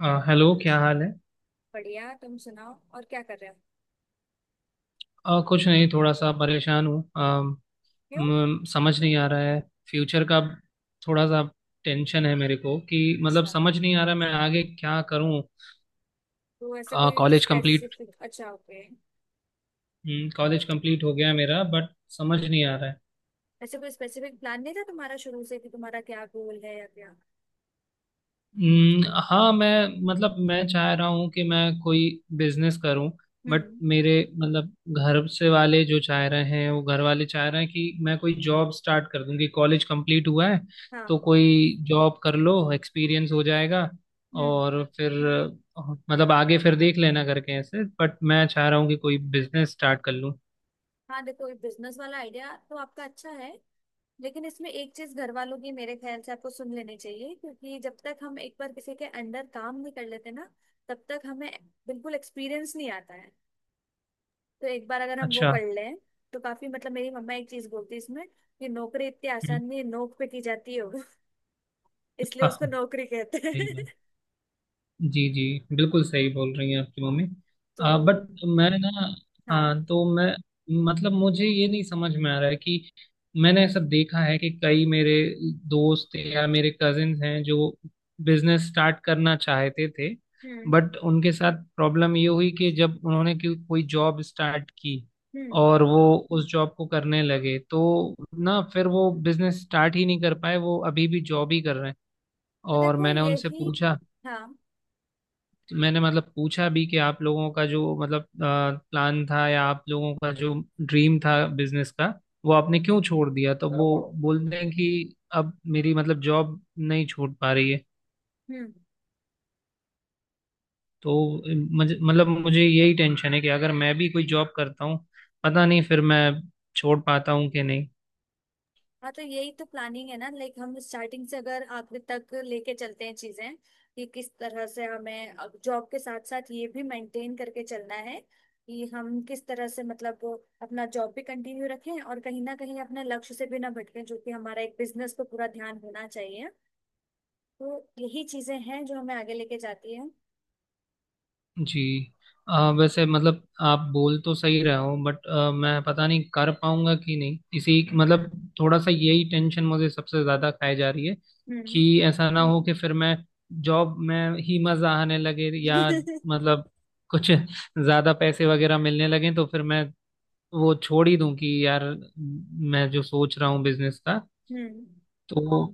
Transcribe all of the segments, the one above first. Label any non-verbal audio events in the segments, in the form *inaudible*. Hello, क्या हाल है? बढ़िया, तुम सुनाओ और क्या कर रहे हो। कुछ नहीं, थोड़ा सा परेशान हूँ। क्यों? समझ नहीं आ रहा है फ्यूचर का। थोड़ा सा टेंशन है मेरे को कि मतलब अच्छा। समझ नहीं आ रहा मैं आगे क्या करूँ। तो ऐसे कोई कॉलेज कंप्लीट। स्पेसिफिक, अच्छा ओके। कॉलेज कंप्लीट हो गया मेरा, बट समझ नहीं आ रहा है। ऐसे कोई स्पेसिफिक प्लान नहीं था तुम्हारा शुरू से कि तुम्हारा क्या गोल है या क्या? हम्म, हाँ, मैं चाह रहा हूँ कि मैं कोई बिजनेस करूँ। बट हम्म। मेरे, मतलब, घर से वाले जो चाह रहे हैं, वो घर वाले चाह रहे हैं कि मैं कोई जॉब स्टार्ट कर दूँ कि कॉलेज कंप्लीट हुआ है, हाँ। तो कोई जॉब कर लो, एक्सपीरियंस हो जाएगा। हम्म। और फिर अ, मतलब आगे फिर देख लेना करके ऐसे, बट मैं चाह रहा हूँ कि कोई बिजनेस स्टार्ट कर लूँ। हाँ देखो, ये बिजनेस वाला आइडिया तो आपका अच्छा है, लेकिन इसमें एक चीज घर वालों की मेरे ख्याल से आपको सुन लेनी चाहिए, क्योंकि जब तक हम एक बार किसी के अंडर काम नहीं कर लेते ना, तब तक हमें बिल्कुल एक्सपीरियंस नहीं आता है। तो एक बार अगर हम वो अच्छा। कर लें, तो काफी मतलब, मेरी मम्मा एक चीज बोलती है इसमें कि नौकरी इतनी हम्म। आसान नहीं है, नोक पे की जाती है *laughs* वो। इसलिए हाँ, उसको हाँ, नौकरी कहते हैं। सही बात। *laughs* जी, जी, बिल्कुल सही बोल रही हैं आपकी मम्मी। तो बट मैं ना। हाँ, हाँ। तो मैं, मुझे ये नहीं समझ में आ रहा है कि मैंने ऐसा देखा है कि कई मेरे दोस्त या मेरे कजिन्स हैं जो बिजनेस स्टार्ट करना चाहते थे, हम्म। बट उनके साथ प्रॉब्लम ये हुई कि जब उन्होंने कोई कोई जॉब स्टार्ट की हम्म। और वो उस जॉब को करने लगे तो ना फिर वो बिजनेस स्टार्ट ही नहीं कर पाए, वो अभी भी जॉब ही कर रहे हैं। तो और देखो मैंने उनसे यही, पूछा। हाँ, मैंने, मतलब, पूछा भी कि आप लोगों का जो मतलब प्लान था या आप लोगों का जो ड्रीम था बिजनेस का, वो आपने क्यों छोड़ दिया? तो वो बोल रहे हैं कि अब मेरी, मतलब, जॉब नहीं छूट पा रही है। हम्म, तो मुझे यही टेंशन है कि अगर मैं भी कोई जॉब करता हूँ, पता नहीं फिर मैं छोड़ पाता हूँ कि नहीं। हाँ तो यही तो प्लानिंग है ना, लाइक हम स्टार्टिंग से अगर आखिर तक लेके चलते हैं चीजें, कि किस तरह से हमें जॉब के साथ साथ ये भी मेंटेन करके चलना है, कि हम किस तरह से मतलब अपना जॉब भी कंटिन्यू रखें और कहीं ना कहीं अपने लक्ष्य से भी ना भटकें, जो कि हमारा एक बिजनेस पे पूरा ध्यान होना चाहिए। तो यही चीजें हैं जो हमें आगे लेके जाती है। जी। वैसे, मतलब, आप बोल तो सही रहे हो, बट मैं पता नहीं कर पाऊंगा कि नहीं। इसी, मतलब, थोड़ा सा यही टेंशन मुझे सबसे ज्यादा खाई जा रही है हम्म। कि ऐसा ना हो कि फिर मैं जॉब में ही मजा आने लगे, या *laughs* हम्म। मतलब कुछ ज्यादा पैसे वगैरह मिलने लगे तो फिर मैं वो छोड़ ही दूं कि यार, मैं जो सोच रहा हूँ बिजनेस का। हम्म। तो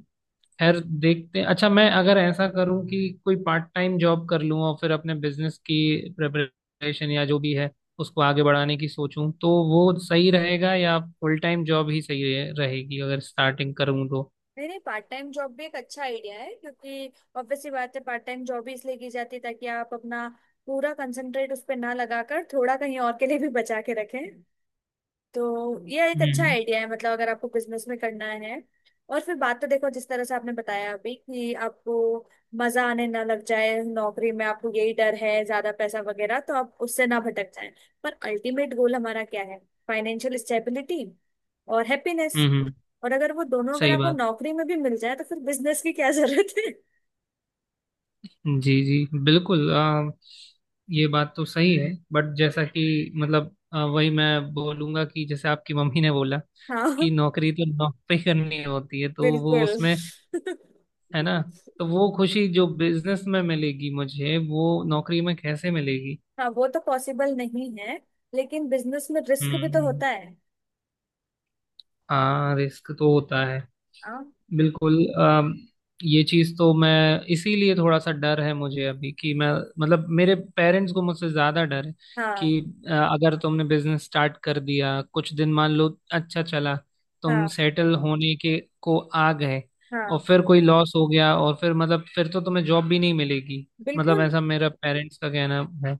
खैर, देखते हैं। अच्छा, मैं अगर ऐसा करूं कि कोई पार्ट टाइम जॉब कर लूं और फिर अपने बिजनेस की प्रिपरेशन या जो भी है, उसको आगे बढ़ाने की सोचूं, तो वो सही रहेगा या फुल टाइम जॉब ही सही रहेगी अगर स्टार्टिंग करूं तो? नहीं नहीं, पार्ट टाइम जॉब भी एक अच्छा आइडिया है, क्योंकि obvious सी बात है, पार्ट टाइम जॉब भी इसलिए की जाती है ताकि आप अपना पूरा कंसंट्रेट उस पर ना लगाकर थोड़ा कहीं और के लिए भी बचा के रखें। तो यह एक अच्छा हम्म, आइडिया है, मतलब अगर आपको बिजनेस में करना है। और फिर बात तो देखो, जिस तरह से आपने बताया अभी कि आपको मजा आने ना लग जाए नौकरी में, आपको यही डर है ज्यादा पैसा वगैरह तो आप उससे ना भटक जाए। पर अल्टीमेट गोल हमारा क्या है? फाइनेंशियल स्टेबिलिटी और हैप्पीनेस। हम्म। और अगर वो दोनों अगर सही आपको बात। नौकरी में भी मिल जाए, तो फिर बिजनेस की क्या जरूरत है? जी, जी, बिल्कुल। ये बात तो सही है, बट जैसा कि मतलब वही मैं बोलूंगा कि जैसे आपकी मम्मी ने बोला *laughs* हाँ, कि नौकरी तो नौकरी करनी होती है, तो वो बिल्कुल। उसमें *laughs* है ना। तो वो खुशी जो बिजनेस में मिलेगी मुझे, वो नौकरी में कैसे मिलेगी? हाँ वो तो पॉसिबल नहीं है, लेकिन बिजनेस में रिस्क भी तो हम्म। होता है। हाँ, रिस्क तो होता है, हाँ। बिल्कुल। ये चीज तो मैं। इसीलिए थोड़ा सा डर है मुझे अभी कि मैं, मतलब, मेरे पेरेंट्स को मुझसे ज्यादा डर है कि हाँ। अगर तुमने बिजनेस स्टार्ट कर दिया कुछ दिन, मान लो अच्छा चला, तुम हाँ। सेटल होने के को आ गए, और हाँ। फिर कोई लॉस हो गया, और फिर मतलब फिर तो तुम्हें जॉब भी नहीं मिलेगी। मतलब बिल्कुल। ऐसा मेरा पेरेंट्स का कहना है।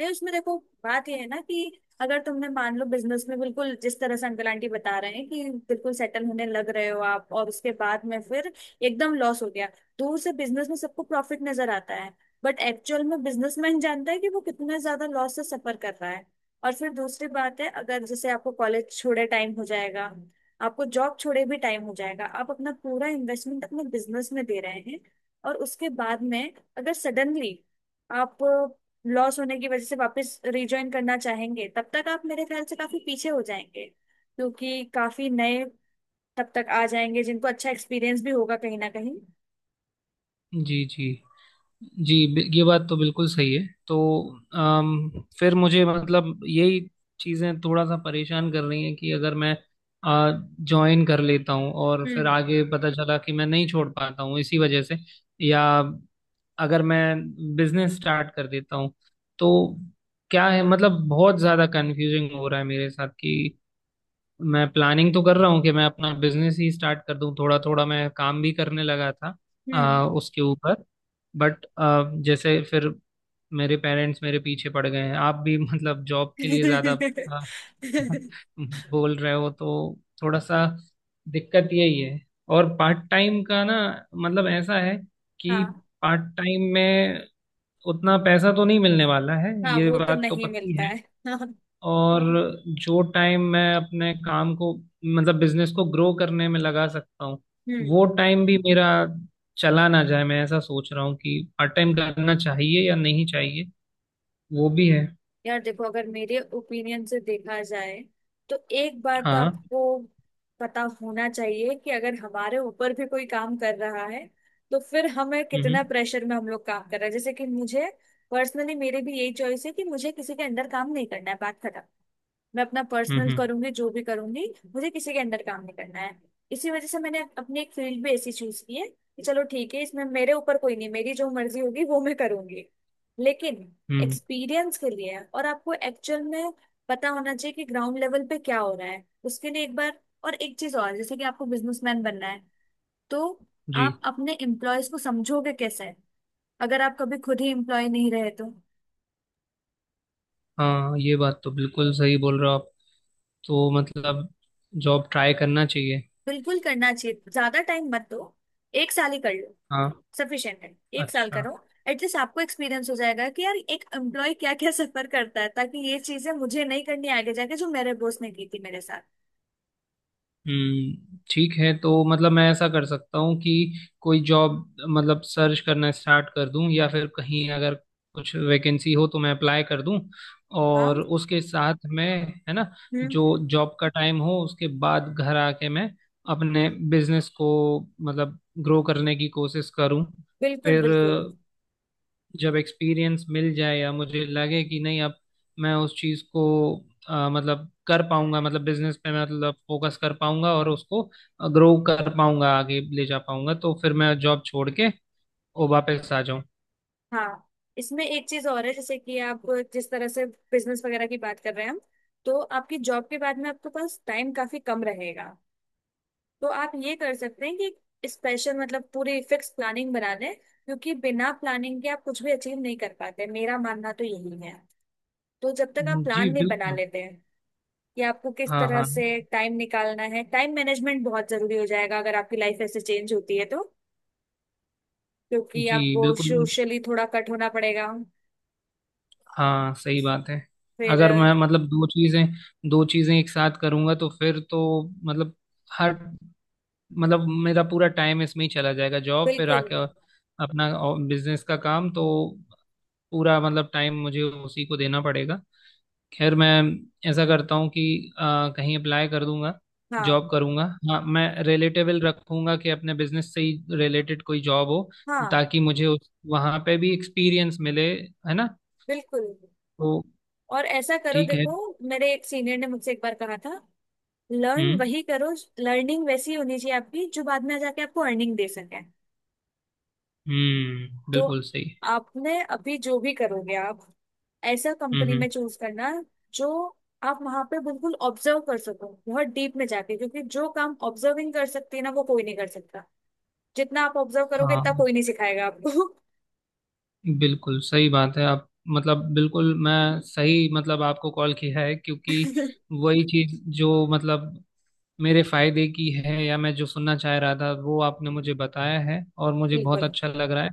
नहीं, उसमें देखो, बात ये है ना, कि अगर तुमने मान लो बिजनेस में बिल्कुल जिस तरह से अंकल आंटी बता रहे हैं कि बिल्कुल सेटल होने लग रहे हो आप, और उसके बाद में फिर एकदम लॉस हो गया। दूर से बिजनेस में सबको प्रॉफिट नजर आता है, बट एक्चुअल में बिजनेसमैन जानता है कि वो कितना ज्यादा लॉस से सफर कर रहा है। और फिर दूसरी बात है, अगर जैसे आपको कॉलेज छोड़े टाइम हो जाएगा, आपको जॉब छोड़े भी टाइम हो जाएगा, आप अपना पूरा इन्वेस्टमेंट अपने बिजनेस में दे रहे हैं, और उसके बाद में अगर सडनली आप लॉस होने की वजह से वापस रिजॉइन करना चाहेंगे, तब तक आप मेरे ख्याल से काफी पीछे हो जाएंगे, क्योंकि काफी नए तब तक आ जाएंगे जिनको अच्छा एक्सपीरियंस भी होगा कहीं ना कहीं। जी। जी। ये बात तो बिल्कुल सही है। तो अम, फिर मुझे, मतलब, यही चीज़ें थोड़ा सा परेशान कर रही हैं कि अगर मैं ज्वाइन कर लेता हूँ और फिर हम्म। आगे पता चला कि मैं नहीं छोड़ पाता हूँ इसी वजह से, या अगर मैं बिजनेस स्टार्ट कर देता हूँ तो क्या है। मतलब बहुत ज़्यादा कंफ्यूजिंग हो रहा है मेरे साथ कि मैं प्लानिंग तो कर रहा हूँ कि मैं अपना बिजनेस ही स्टार्ट कर दूँ, थोड़ा थोड़ा मैं काम भी करने लगा था हम्म। उसके ऊपर। बट जैसे फिर मेरे पेरेंट्स मेरे पीछे पड़ गए हैं, आप भी मतलब जॉब के लिए ज्यादा अ, *laughs* बोल रहे हो, तो थोड़ा सा दिक्कत यही है। और पार्ट टाइम का ना, मतलब ऐसा है *laughs* कि हाँ। पार्ट टाइम में उतना पैसा तो नहीं मिलने वाला है, हाँ ये वो तो बात तो नहीं पक्की मिलता है। है। *laughs* हाँ। और जो टाइम मैं अपने काम को, मतलब बिजनेस को ग्रो करने में लगा सकता हूँ, हम्म। वो टाइम भी मेरा चला ना जाए। मैं ऐसा सोच रहा हूँ कि पार्ट टाइम करना चाहिए या नहीं चाहिए, वो भी है। यार देखो, अगर मेरे ओपिनियन से देखा जाए, तो एक बार तो हाँ। आपको पता होना चाहिए कि अगर हमारे ऊपर भी कोई काम कर रहा है, तो फिर हमें हम्म, कितना प्रेशर में हम लोग काम कर रहे हैं, जैसे कि मुझे पर्सनली, मेरी भी यही चॉइस है कि मुझे किसी के अंडर काम नहीं करना है, बात खत्म। मैं अपना पर्सनल हम्म, करूंगी, जो भी करूंगी, मुझे किसी के अंडर काम नहीं करना है। इसी वजह से मैंने अपनी एक फील्ड भी ऐसी चूज की है, कि चलो ठीक है, इसमें मेरे ऊपर कोई नहीं, मेरी जो मर्जी होगी वो मैं करूंगी। लेकिन हम्म। एक्सपीरियंस के लिए, और आपको एक्चुअल में पता होना चाहिए कि ग्राउंड लेवल पे क्या हो रहा है, उसके लिए एक बार। और एक चीज और, जैसे कि आपको बिजनेसमैन बनना है, तो जी। आप अपने एम्प्लॉयज को समझोगे कैसे अगर आप कभी खुद ही एम्प्लॉय नहीं रहे तो? हाँ, ये बात तो बिल्कुल सही बोल रहे हो आप। तो मतलब जॉब ट्राई करना चाहिए। बिल्कुल करना चाहिए, ज्यादा टाइम मत दो, एक साल ही कर लो, हाँ। सफिशिएंट है। एक साल अच्छा। करो, एटलीस्ट आपको एक्सपीरियंस हो जाएगा कि यार एक एम्प्लॉय क्या क्या सफर करता है, ताकि ये चीजें मुझे नहीं करनी आगे जाके जो मेरे बॉस ने की थी मेरे साथ। हम्म। ठीक है, तो मतलब मैं ऐसा कर सकता हूँ कि कोई जॉब, मतलब सर्च करना स्टार्ट कर दूँ, या फिर कहीं अगर कुछ वैकेंसी हो तो मैं अप्लाई कर दूँ, हाँ। और उसके साथ में, है ना, हम्म। जो जॉब का टाइम हो उसके बाद घर आके मैं अपने बिजनेस को, मतलब ग्रो करने की कोशिश करूँ। बिल्कुल फिर बिल्कुल। जब एक्सपीरियंस मिल जाए या मुझे लगे कि नहीं अब मैं उस चीज़ को मतलब कर पाऊंगा, मतलब बिजनेस पे मतलब फोकस कर पाऊंगा और उसको ग्रो कर पाऊंगा आगे ले जा पाऊंगा, तो फिर मैं जॉब छोड़ के वो वापस आ जाऊं। हाँ इसमें एक चीज और है, जैसे कि आप जिस तरह से बिजनेस वगैरह की बात कर रहे हैं हम, तो आपकी जॉब के बाद में आपके पास टाइम काफी कम रहेगा। तो आप ये कर सकते हैं कि स्पेशल मतलब पूरी फिक्स प्लानिंग बना लें, क्योंकि बिना प्लानिंग के आप कुछ भी अचीव नहीं कर पाते, मेरा मानना तो यही है। तो जब तक आप जी प्लान नहीं बना बिल्कुल। लेते हैं कि आपको किस हाँ, तरह हाँ। से टाइम निकालना है, टाइम मैनेजमेंट बहुत जरूरी हो जाएगा अगर आपकी लाइफ ऐसे चेंज होती है तो, क्योंकि जी आपको बिल्कुल। सोशली थोड़ा कट होना पड़ेगा। हाँ, सही बात है। फिर अगर अ, मैं, मतलब, दो चीज़ें एक साथ करूंगा तो फिर तो, मतलब, हर, मतलब, मेरा पूरा टाइम इसमें ही चला जाएगा। जॉब फिर बिल्कुल। आके, और अपना बिजनेस का काम तो पूरा, मतलब, टाइम मुझे उसी को देना पड़ेगा। खैर मैं ऐसा करता हूँ कि अ, कहीं अप्लाई कर दूंगा, हाँ। जॉब करूंगा। हाँ, मैं रिलेटेबल रखूंगा कि अपने बिजनेस से ही रिलेटेड कोई जॉब हो, हाँ ताकि मुझे उस वहाँ पे भी एक्सपीरियंस मिले, है ना? बिल्कुल। तो और ऐसा करो ठीक है। देखो, मेरे एक सीनियर ने मुझसे एक बार कहा था, लर्न हम्म, वही करो, लर्निंग वैसी होनी चाहिए आपकी जो बाद में जाके आपको अर्निंग दे सके। हम्म, तो बिल्कुल सही। आपने अभी जो भी करोगे आप, ऐसा हम्म, कंपनी हम्म। में चूज करना जो आप वहां पे बिल्कुल ऑब्जर्व कर सको बहुत डीप में जाके, क्योंकि जो काम ऑब्जर्विंग कर सकती है ना, वो कोई नहीं कर सकता। जितना आप ऑब्जर्व करोगे इतना हाँ, कोई नहीं सिखाएगा आपको। बिल्कुल सही बात है आप। मतलब बिल्कुल मैं सही, मतलब आपको कॉल किया है क्योंकि *laughs* वही चीज जो, मतलब, मेरे फायदे की है, या मैं जो सुनना चाह रहा था वो आपने मुझे बताया है और मुझे बहुत बिल्कुल। अच्छा लग रहा है।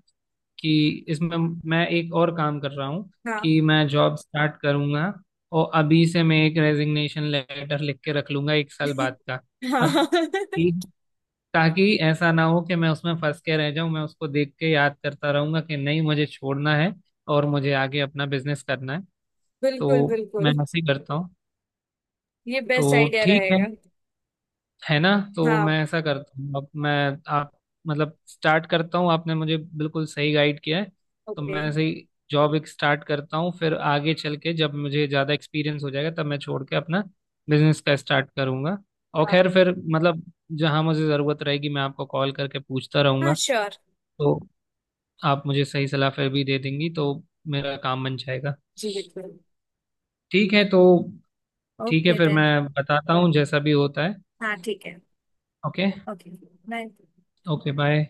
कि इसमें मैं एक और काम कर रहा हूँ हाँ। कि मैं जॉब स्टार्ट करूंगा और अभी से मैं एक रेजिग्नेशन लेटर लिख के रख लूंगा एक साल बाद का। हाँ, हाँ। *laughs* ताकि ऐसा ना हो कि मैं उसमें फंस के रह जाऊं, मैं उसको देख के याद करता रहूंगा कि नहीं मुझे छोड़ना है और मुझे आगे अपना बिजनेस करना है। बिल्कुल तो मैं बिल्कुल। ऐसे ही करता हूँ। ये बेस्ट तो आइडिया ठीक है रहेगा। है ना? तो हाँ। मैं ऐसा करता हूँ। अब मैं, आप, मतलब स्टार्ट करता हूँ। आपने मुझे बिल्कुल सही गाइड किया है। तो ओके। मैं ऐसे ही जॉब एक स्टार्ट करता हूँ, फिर आगे चल के जब मुझे ज़्यादा एक्सपीरियंस हो जाएगा तब मैं छोड़ के अपना बिजनेस का स्टार्ट करूंगा। और हाँ। खैर, फिर मतलब जहाँ मुझे ज़रूरत रहेगी मैं आपको कॉल करके पूछता हाँ रहूंगा, श्योर। तो आप मुझे सही सलाह फिर भी दे देंगी तो मेरा काम बन जाएगा। जी बिल्कुल। ठीक है। तो ठीक है, ओके फिर मैं देन। बताता हूँ जैसा भी होता है। हाँ ठीक है। Okay. Okay. Bye. Okay, bye.